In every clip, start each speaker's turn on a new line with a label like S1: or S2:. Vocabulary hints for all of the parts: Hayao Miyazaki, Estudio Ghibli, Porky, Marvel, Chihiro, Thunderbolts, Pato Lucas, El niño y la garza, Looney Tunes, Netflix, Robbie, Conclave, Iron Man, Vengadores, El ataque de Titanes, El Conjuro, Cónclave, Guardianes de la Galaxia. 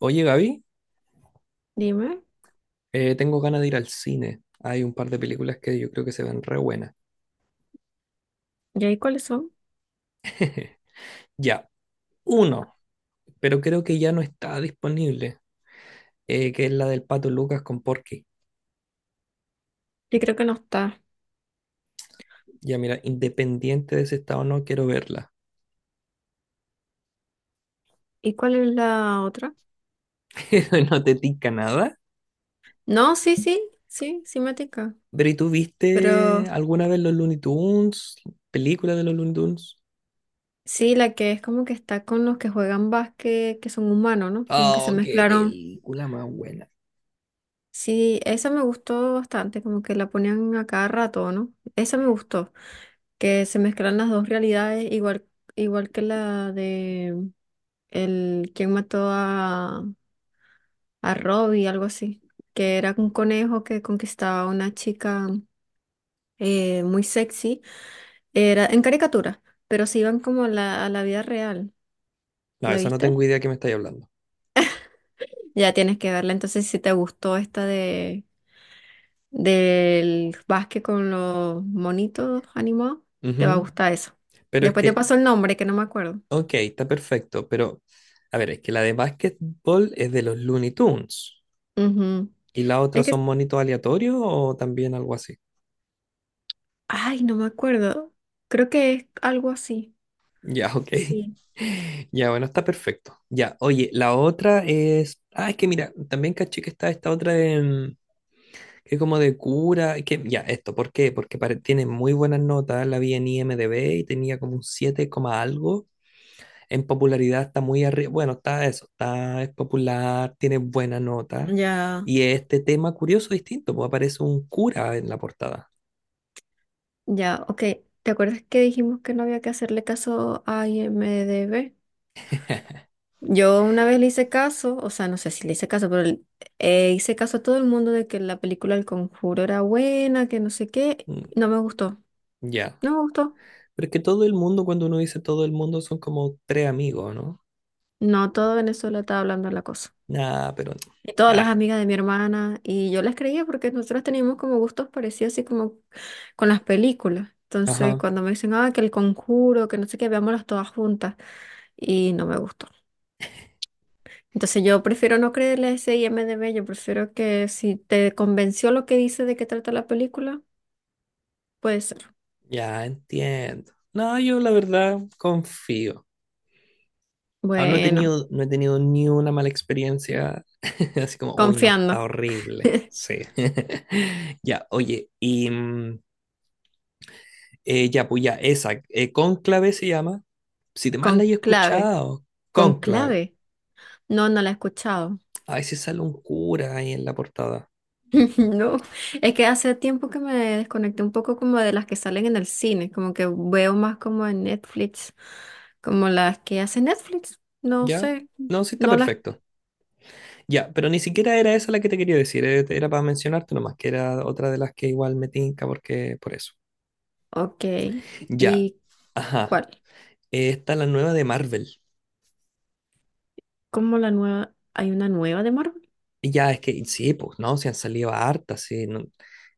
S1: Oye, Gaby,
S2: Dime,
S1: tengo ganas de ir al cine. Hay un par de películas que yo creo que se ven re buenas.
S2: ¿y ahí cuáles son?
S1: Ya, uno, pero creo que ya no está disponible, que es la del Pato Lucas con Porky.
S2: Yo creo que no está.
S1: Ya mira, independiente de si está o no, quiero verla.
S2: ¿Y cuál es la otra?
S1: No te tica nada.
S2: No, sí, sí, sí, sí me tinca.
S1: Pero ¿y tú
S2: Pero
S1: viste alguna vez los Looney Tunes? ¿Película de los Looney Tunes?
S2: sí, la que es como que está con los que juegan básquet, que son humanos, ¿no? Como que se
S1: Oh, qué
S2: mezclaron.
S1: película más buena.
S2: Sí, esa me gustó bastante, como que la ponían a cada rato, ¿no? Esa me gustó, que se mezclan las dos realidades, igual, igual que la de el quién mató a Robbie, algo así, que era un conejo que conquistaba a una chica. Muy sexy, era en caricatura, pero se iban como a la vida real.
S1: No,
S2: ¿La
S1: esa no
S2: viste?
S1: tengo idea de qué me estáis hablando.
S2: Ya tienes que verla. Entonces, si te gustó esta de del básquet con los monitos animados, te va a
S1: Ujú.
S2: gustar eso.
S1: Pero es
S2: Después te
S1: que.
S2: paso el nombre, que no me acuerdo.
S1: Ok, está perfecto, pero a ver, es que la de básquetbol es de los Looney Tunes
S2: Ujú.
S1: y la otra
S2: Es
S1: son
S2: que,
S1: monitos aleatorios o también algo así.
S2: ay, no me acuerdo. Creo que es algo así.
S1: Ya, ok.
S2: Sí.
S1: Ya, bueno, está perfecto. Ya, oye, la otra es. Ah, es que mira, también caché que está esta otra de, que es como de cura, que ya, esto, ¿por qué? Porque tiene muy buenas notas, la vi en IMDb y tenía como un 7 coma algo. En popularidad está muy arriba, bueno, está eso, está, es popular, tiene buena nota.
S2: Ya,
S1: Y este tema curioso, distinto, pues aparece un cura en la portada.
S2: ya, ok. ¿Te acuerdas que dijimos que no había que hacerle caso a IMDb? Yo una vez le hice caso, o sea, no sé si le hice caso, pero hice caso a todo el mundo de que la película El Conjuro era buena, que no sé qué.
S1: Mm.
S2: No me gustó,
S1: Ya.
S2: no me gustó.
S1: Pero es que todo el mundo, cuando uno dice todo el mundo, son como tres amigos, ¿no?
S2: No, todo Venezuela estaba hablando de la cosa.
S1: Nada, pero.
S2: Y todas las
S1: Ah,
S2: amigas de mi hermana, y yo las creía porque nosotros teníamos como gustos parecidos, así como con las películas. Entonces,
S1: ajá.
S2: cuando me dicen, ah, que El Conjuro, que no sé qué, veámoslas todas juntas, y no me gustó. Entonces yo prefiero no creerle a ese I M IMDb, yo prefiero que si te convenció lo que dice de qué trata la película, puede ser.
S1: Ya entiendo. No, yo la verdad confío. Ah, no he
S2: Bueno,
S1: tenido, no he tenido ni una mala experiencia. Así como, uy, no, está
S2: confiando.
S1: horrible. Sí. Ya, oye, y. Ya, pues ya, esa. Cónclave se llama. Si te mal la he
S2: Conclave.
S1: escuchado, Cónclave.
S2: Conclave. No, no la he escuchado.
S1: A ver si sale un cura ahí en la portada.
S2: No, es que hace tiempo que me desconecté un poco como de las que salen en el cine, como que veo más como en Netflix, como las que hace Netflix. No
S1: ¿Ya?
S2: sé,
S1: No, sí está
S2: no las...
S1: perfecto. Ya, pero ni siquiera era esa la que te quería decir. Era para mencionarte nomás, que era otra de las que igual me tinca porque por eso.
S2: Ok,
S1: Ya.
S2: ¿y
S1: Ajá.
S2: cuál?
S1: Está la nueva de Marvel.
S2: ¿Cómo la nueva? ¿Hay una nueva de Marvel?
S1: Y ya, es que sí, pues, ¿no? Se han salido hartas, sí.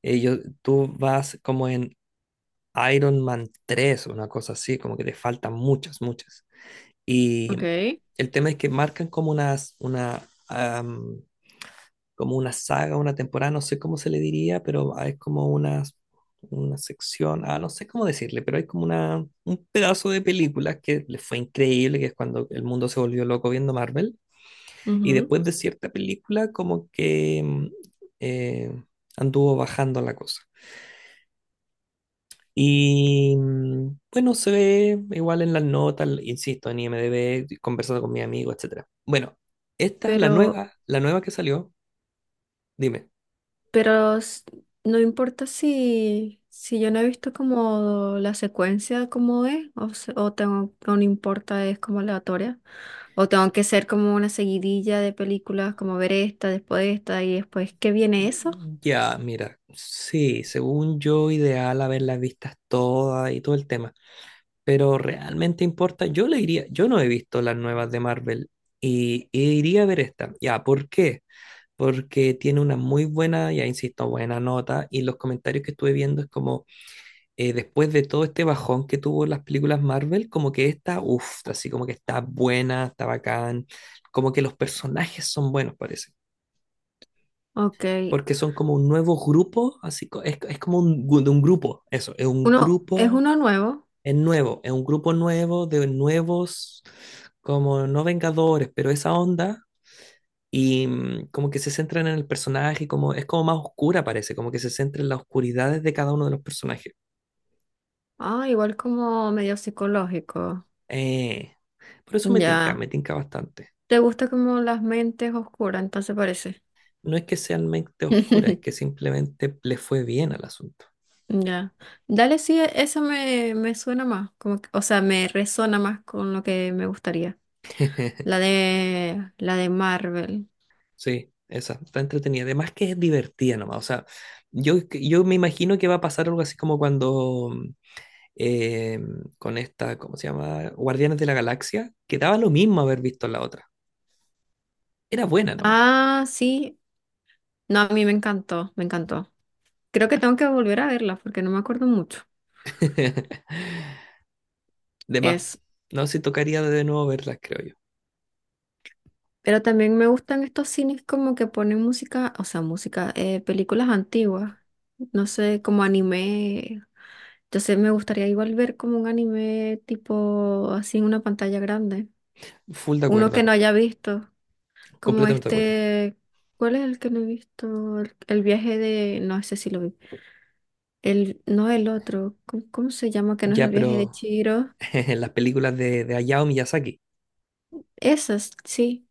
S1: Ellos, tú vas como en Iron Man 3 o una cosa así, como que te faltan muchas, muchas. Y
S2: Ok.
S1: el tema es que marcan como unas, una, am, como una saga, una temporada, no sé cómo se le diría, pero es como unas, una sección, no sé cómo decirle, pero hay como una, un pedazo de películas que le fue increíble, que es cuando el mundo se volvió loco viendo Marvel. Y
S2: Ujú.
S1: después de cierta película, como que eh, anduvo bajando la cosa. Y bueno, se ve igual en las notas, insisto, en IMDb, conversando con mi amigo, etcétera. Bueno, esta, la
S2: Pero
S1: nueva, la nueva que salió, dime.
S2: Pero s- no importa si, si yo no he visto como la secuencia como es, o, o tengo, o no importa, es como aleatoria, o tengo que ser como una seguidilla de películas, como ver esta, después esta y después, ¿qué viene eso?
S1: Ya, mira, sí, según yo, ideal haberlas vistas todas y todo el tema. Pero realmente importa, yo le iría, yo no he visto las nuevas de Marvel y iría a ver esta. Ya, ¿por qué? Porque tiene una muy buena, ya insisto, buena nota y los comentarios que estuve viendo es como después de todo este bajón que tuvo las películas Marvel, como que esta, uff, así como que está buena, está bacán, como que los personajes son buenos, parece,
S2: Ok,
S1: porque son como un nuevo grupo, así es como de un grupo, eso, es un
S2: uno, es
S1: grupo,
S2: uno nuevo,
S1: es nuevo, es un grupo nuevo de nuevos, como no Vengadores, pero esa onda. Y como que se centran en el personaje, como es como más oscura parece, como que se centra en las oscuridades de cada uno de los personajes.
S2: ah, igual como medio psicológico,
S1: Eh, por eso
S2: ya,
S1: me tinca bastante.
S2: te gusta como las mentes oscuras, entonces parece.
S1: No es que sean mente oscura, es que simplemente le fue bien al asunto.
S2: Ya. Dale, sí, eso me suena más, o sea, me resona más con lo que me gustaría. La de, la de Marvel.
S1: Sí, esa, está entretenida. Además que es divertida nomás. O sea, yo me imagino que va a pasar algo así como cuando eh, con esta, ¿cómo se llama? Guardianes de la Galaxia, que daba lo mismo haber visto la otra. Era buena nomás.
S2: Ah, sí. No, a mí me encantó, me encantó. Creo que tengo que volver a verla porque no me acuerdo mucho.
S1: De más.
S2: Es.
S1: No sé si tocaría de nuevo verlas, creo yo.
S2: Pero también me gustan estos cines como que ponen música, o sea, música, películas antiguas. No sé, como anime. Entonces me gustaría igual ver como un anime tipo así en una pantalla grande.
S1: Full de
S2: Uno que no
S1: acuerdo.
S2: haya visto. Como
S1: Completamente de acuerdo.
S2: este, ¿cuál es el que no he visto? El viaje de, no sé si lo vi. El, no el otro, ¿cómo se llama? Que no es el
S1: Ya,
S2: viaje de
S1: pero
S2: Chihiro.
S1: las películas de Hayao Miyazaki,
S2: Esas, sí.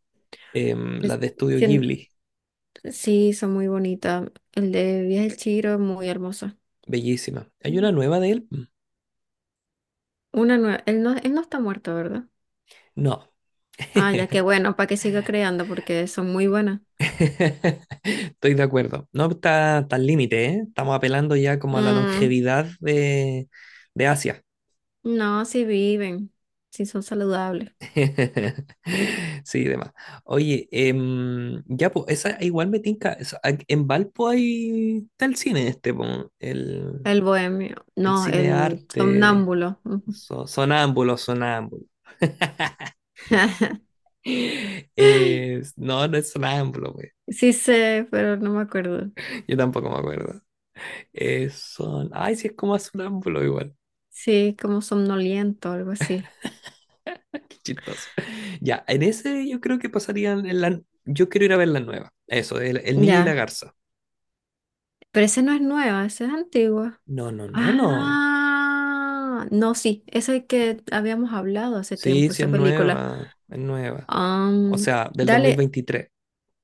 S2: Es-
S1: las de Estudio
S2: sí,
S1: Ghibli.
S2: sí, son muy bonitas. El de viaje de Chihiro es muy hermoso.
S1: Bellísima. ¿Hay una
S2: Mm.
S1: nueva de él? Mm.
S2: Una nueva, él no está muerto, ¿verdad?
S1: No.
S2: Ah, ya que bueno, para que siga creando porque son muy buenas.
S1: Estoy de acuerdo. No está, está al límite, ¿eh? Estamos apelando ya como a la
S2: Mm,
S1: longevidad de Asia.
S2: no, si viven, si son saludables.
S1: Sí, demás. Oye, ya, pues, esa igual me tinca. En Valpo hay, está el cine este, po, el,
S2: El bohemio,
S1: el
S2: no,
S1: cine
S2: el
S1: arte,
S2: somnámbulo. Ujú.
S1: sonámbulo, sonámbulo. No, no es sonámbulo, pues.
S2: Sí sé, pero no me acuerdo.
S1: Yo tampoco me acuerdo. Son. Ay, sí, es como sonámbulo igual.
S2: Sí, como somnoliento, algo así.
S1: Qué chistoso. Ya, en ese yo creo que pasarían. En la. Yo quiero ir a ver la nueva. Eso, el niño y la
S2: Ya.
S1: garza.
S2: Pero ese no es nueva, ese es antigua.
S1: No, no, no, no.
S2: Ah, no, sí, ese que habíamos hablado hace
S1: Sí,
S2: tiempo,
S1: sí, es
S2: esa película.
S1: nueva. Es nueva. O
S2: Am,
S1: sea, del
S2: dale,
S1: 2023.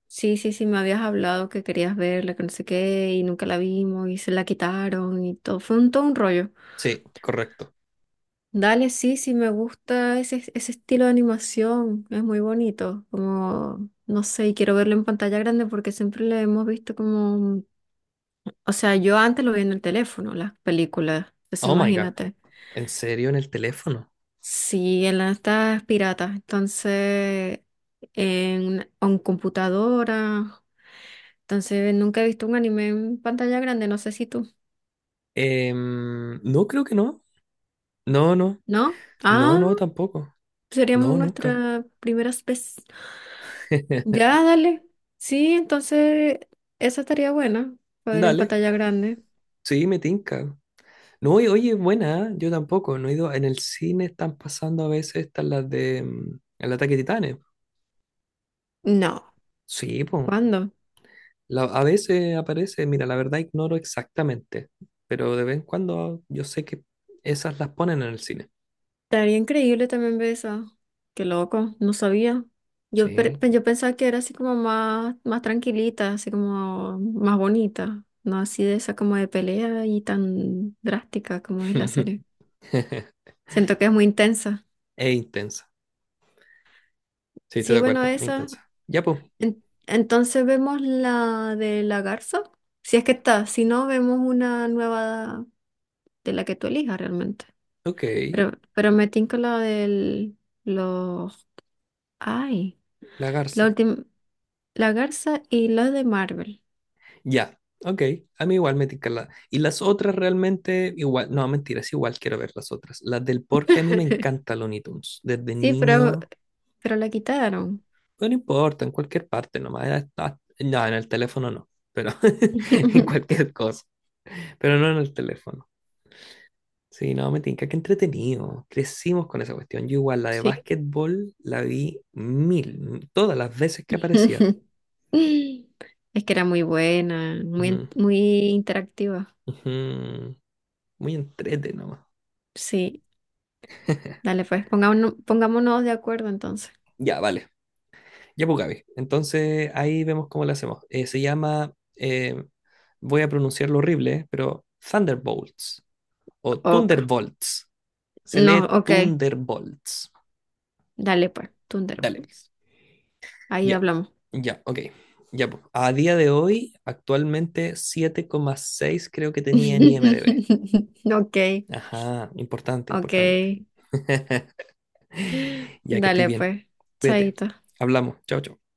S2: sí, sí, sí, me habías hablado que querías verla, que no sé qué, y nunca la vimos, y se la quitaron, y todo. Fue un, todo un rollo.
S1: Sí, correcto.
S2: Dale, sí, sí, me gusta ese, ese estilo de animación, es muy bonito, como, no sé, y quiero verlo en pantalla grande porque siempre lo hemos visto como, o sea, yo antes lo vi en el teléfono, las películas, entonces
S1: Oh my gosh.
S2: imagínate,
S1: ¿En serio en el teléfono?
S2: sí, en las estas piratas, entonces, en computadora, entonces nunca he visto un anime en pantalla grande, no sé si tú,
S1: No, creo que no. No, no.
S2: ¿no?
S1: No,
S2: Ah,
S1: no, tampoco.
S2: seríamos
S1: No, nunca.
S2: nuestra primera vez. Ya, dale. Sí, entonces esa estaría buena, para poder en
S1: Dale.
S2: pantalla grande.
S1: Sí, me tinca. No, oye, oye, buena, ¿eh? Yo tampoco, no he ido. En el cine están pasando a veces estas las de El ataque de Titanes.
S2: No,
S1: Sí, pues.
S2: ¿cuándo?
S1: A veces aparece, mira, la verdad ignoro exactamente, pero de vez en cuando yo sé que esas las ponen en el cine.
S2: Estaría increíble también ver esa. Qué loco, no sabía. Yo,
S1: Sí.
S2: yo pensaba que era así como más, más tranquilita, así como más bonita, no así de esa como de pelea y tan drástica como es la serie. Siento que es muy intensa.
S1: Es intensa. Sí, estoy
S2: Sí,
S1: de
S2: bueno,
S1: acuerdo, es
S2: esa.
S1: intensa. Ya, pues.
S2: En- entonces vemos la de la garza. Si es que está, si no, vemos una nueva de la que tú elijas realmente.
S1: Ok,
S2: Pero me tinca la del, los, ay,
S1: la
S2: la
S1: garza.
S2: última, la Garza y los de Marvel.
S1: Ya, ok. A mí igual me tinca la. Y las otras realmente, igual, no, mentiras, igual quiero ver las otras. Las del porque a mí me encanta Looney Tunes. Desde
S2: Sí,
S1: niño,
S2: pero la quitaron.
S1: no importa, en cualquier parte nomás. Ah, no, en el teléfono no, pero en cualquier cosa. Pero no en el teléfono. Sí, no, me tinca, qué entretenido. Crecimos con esa cuestión. Yo igual, la de
S2: Sí.
S1: básquetbol la vi mil, todas las veces que aparecía.
S2: Es que era muy buena, muy,
S1: Ujú,
S2: muy interactiva.
S1: ujú. Muy entrete nomás.
S2: Sí, dale pues, pongámonos, pongámonos de acuerdo entonces.
S1: Ya, vale. Ya, pues, Gaby. Entonces ahí vemos cómo lo hacemos. Se llama, voy a pronunciarlo horrible, pero Thunderbolts o
S2: Ok.
S1: Thunderbolts. Se
S2: No,
S1: lee
S2: ok,
S1: Thunderbolts.
S2: dale pues,
S1: Dale,
S2: Thunderbolts. Ahí
S1: ya,
S2: hablamos.
S1: ya, ok. Ya, pues. A día de hoy, actualmente 7,6 creo que tenía en IMDb.
S2: Ok,
S1: Ajá, importante,
S2: ok.
S1: importante. Ya que estoy
S2: Dale,
S1: bien.
S2: pues,
S1: Cuídate.
S2: chaito.
S1: Hablamos. Chao, chao.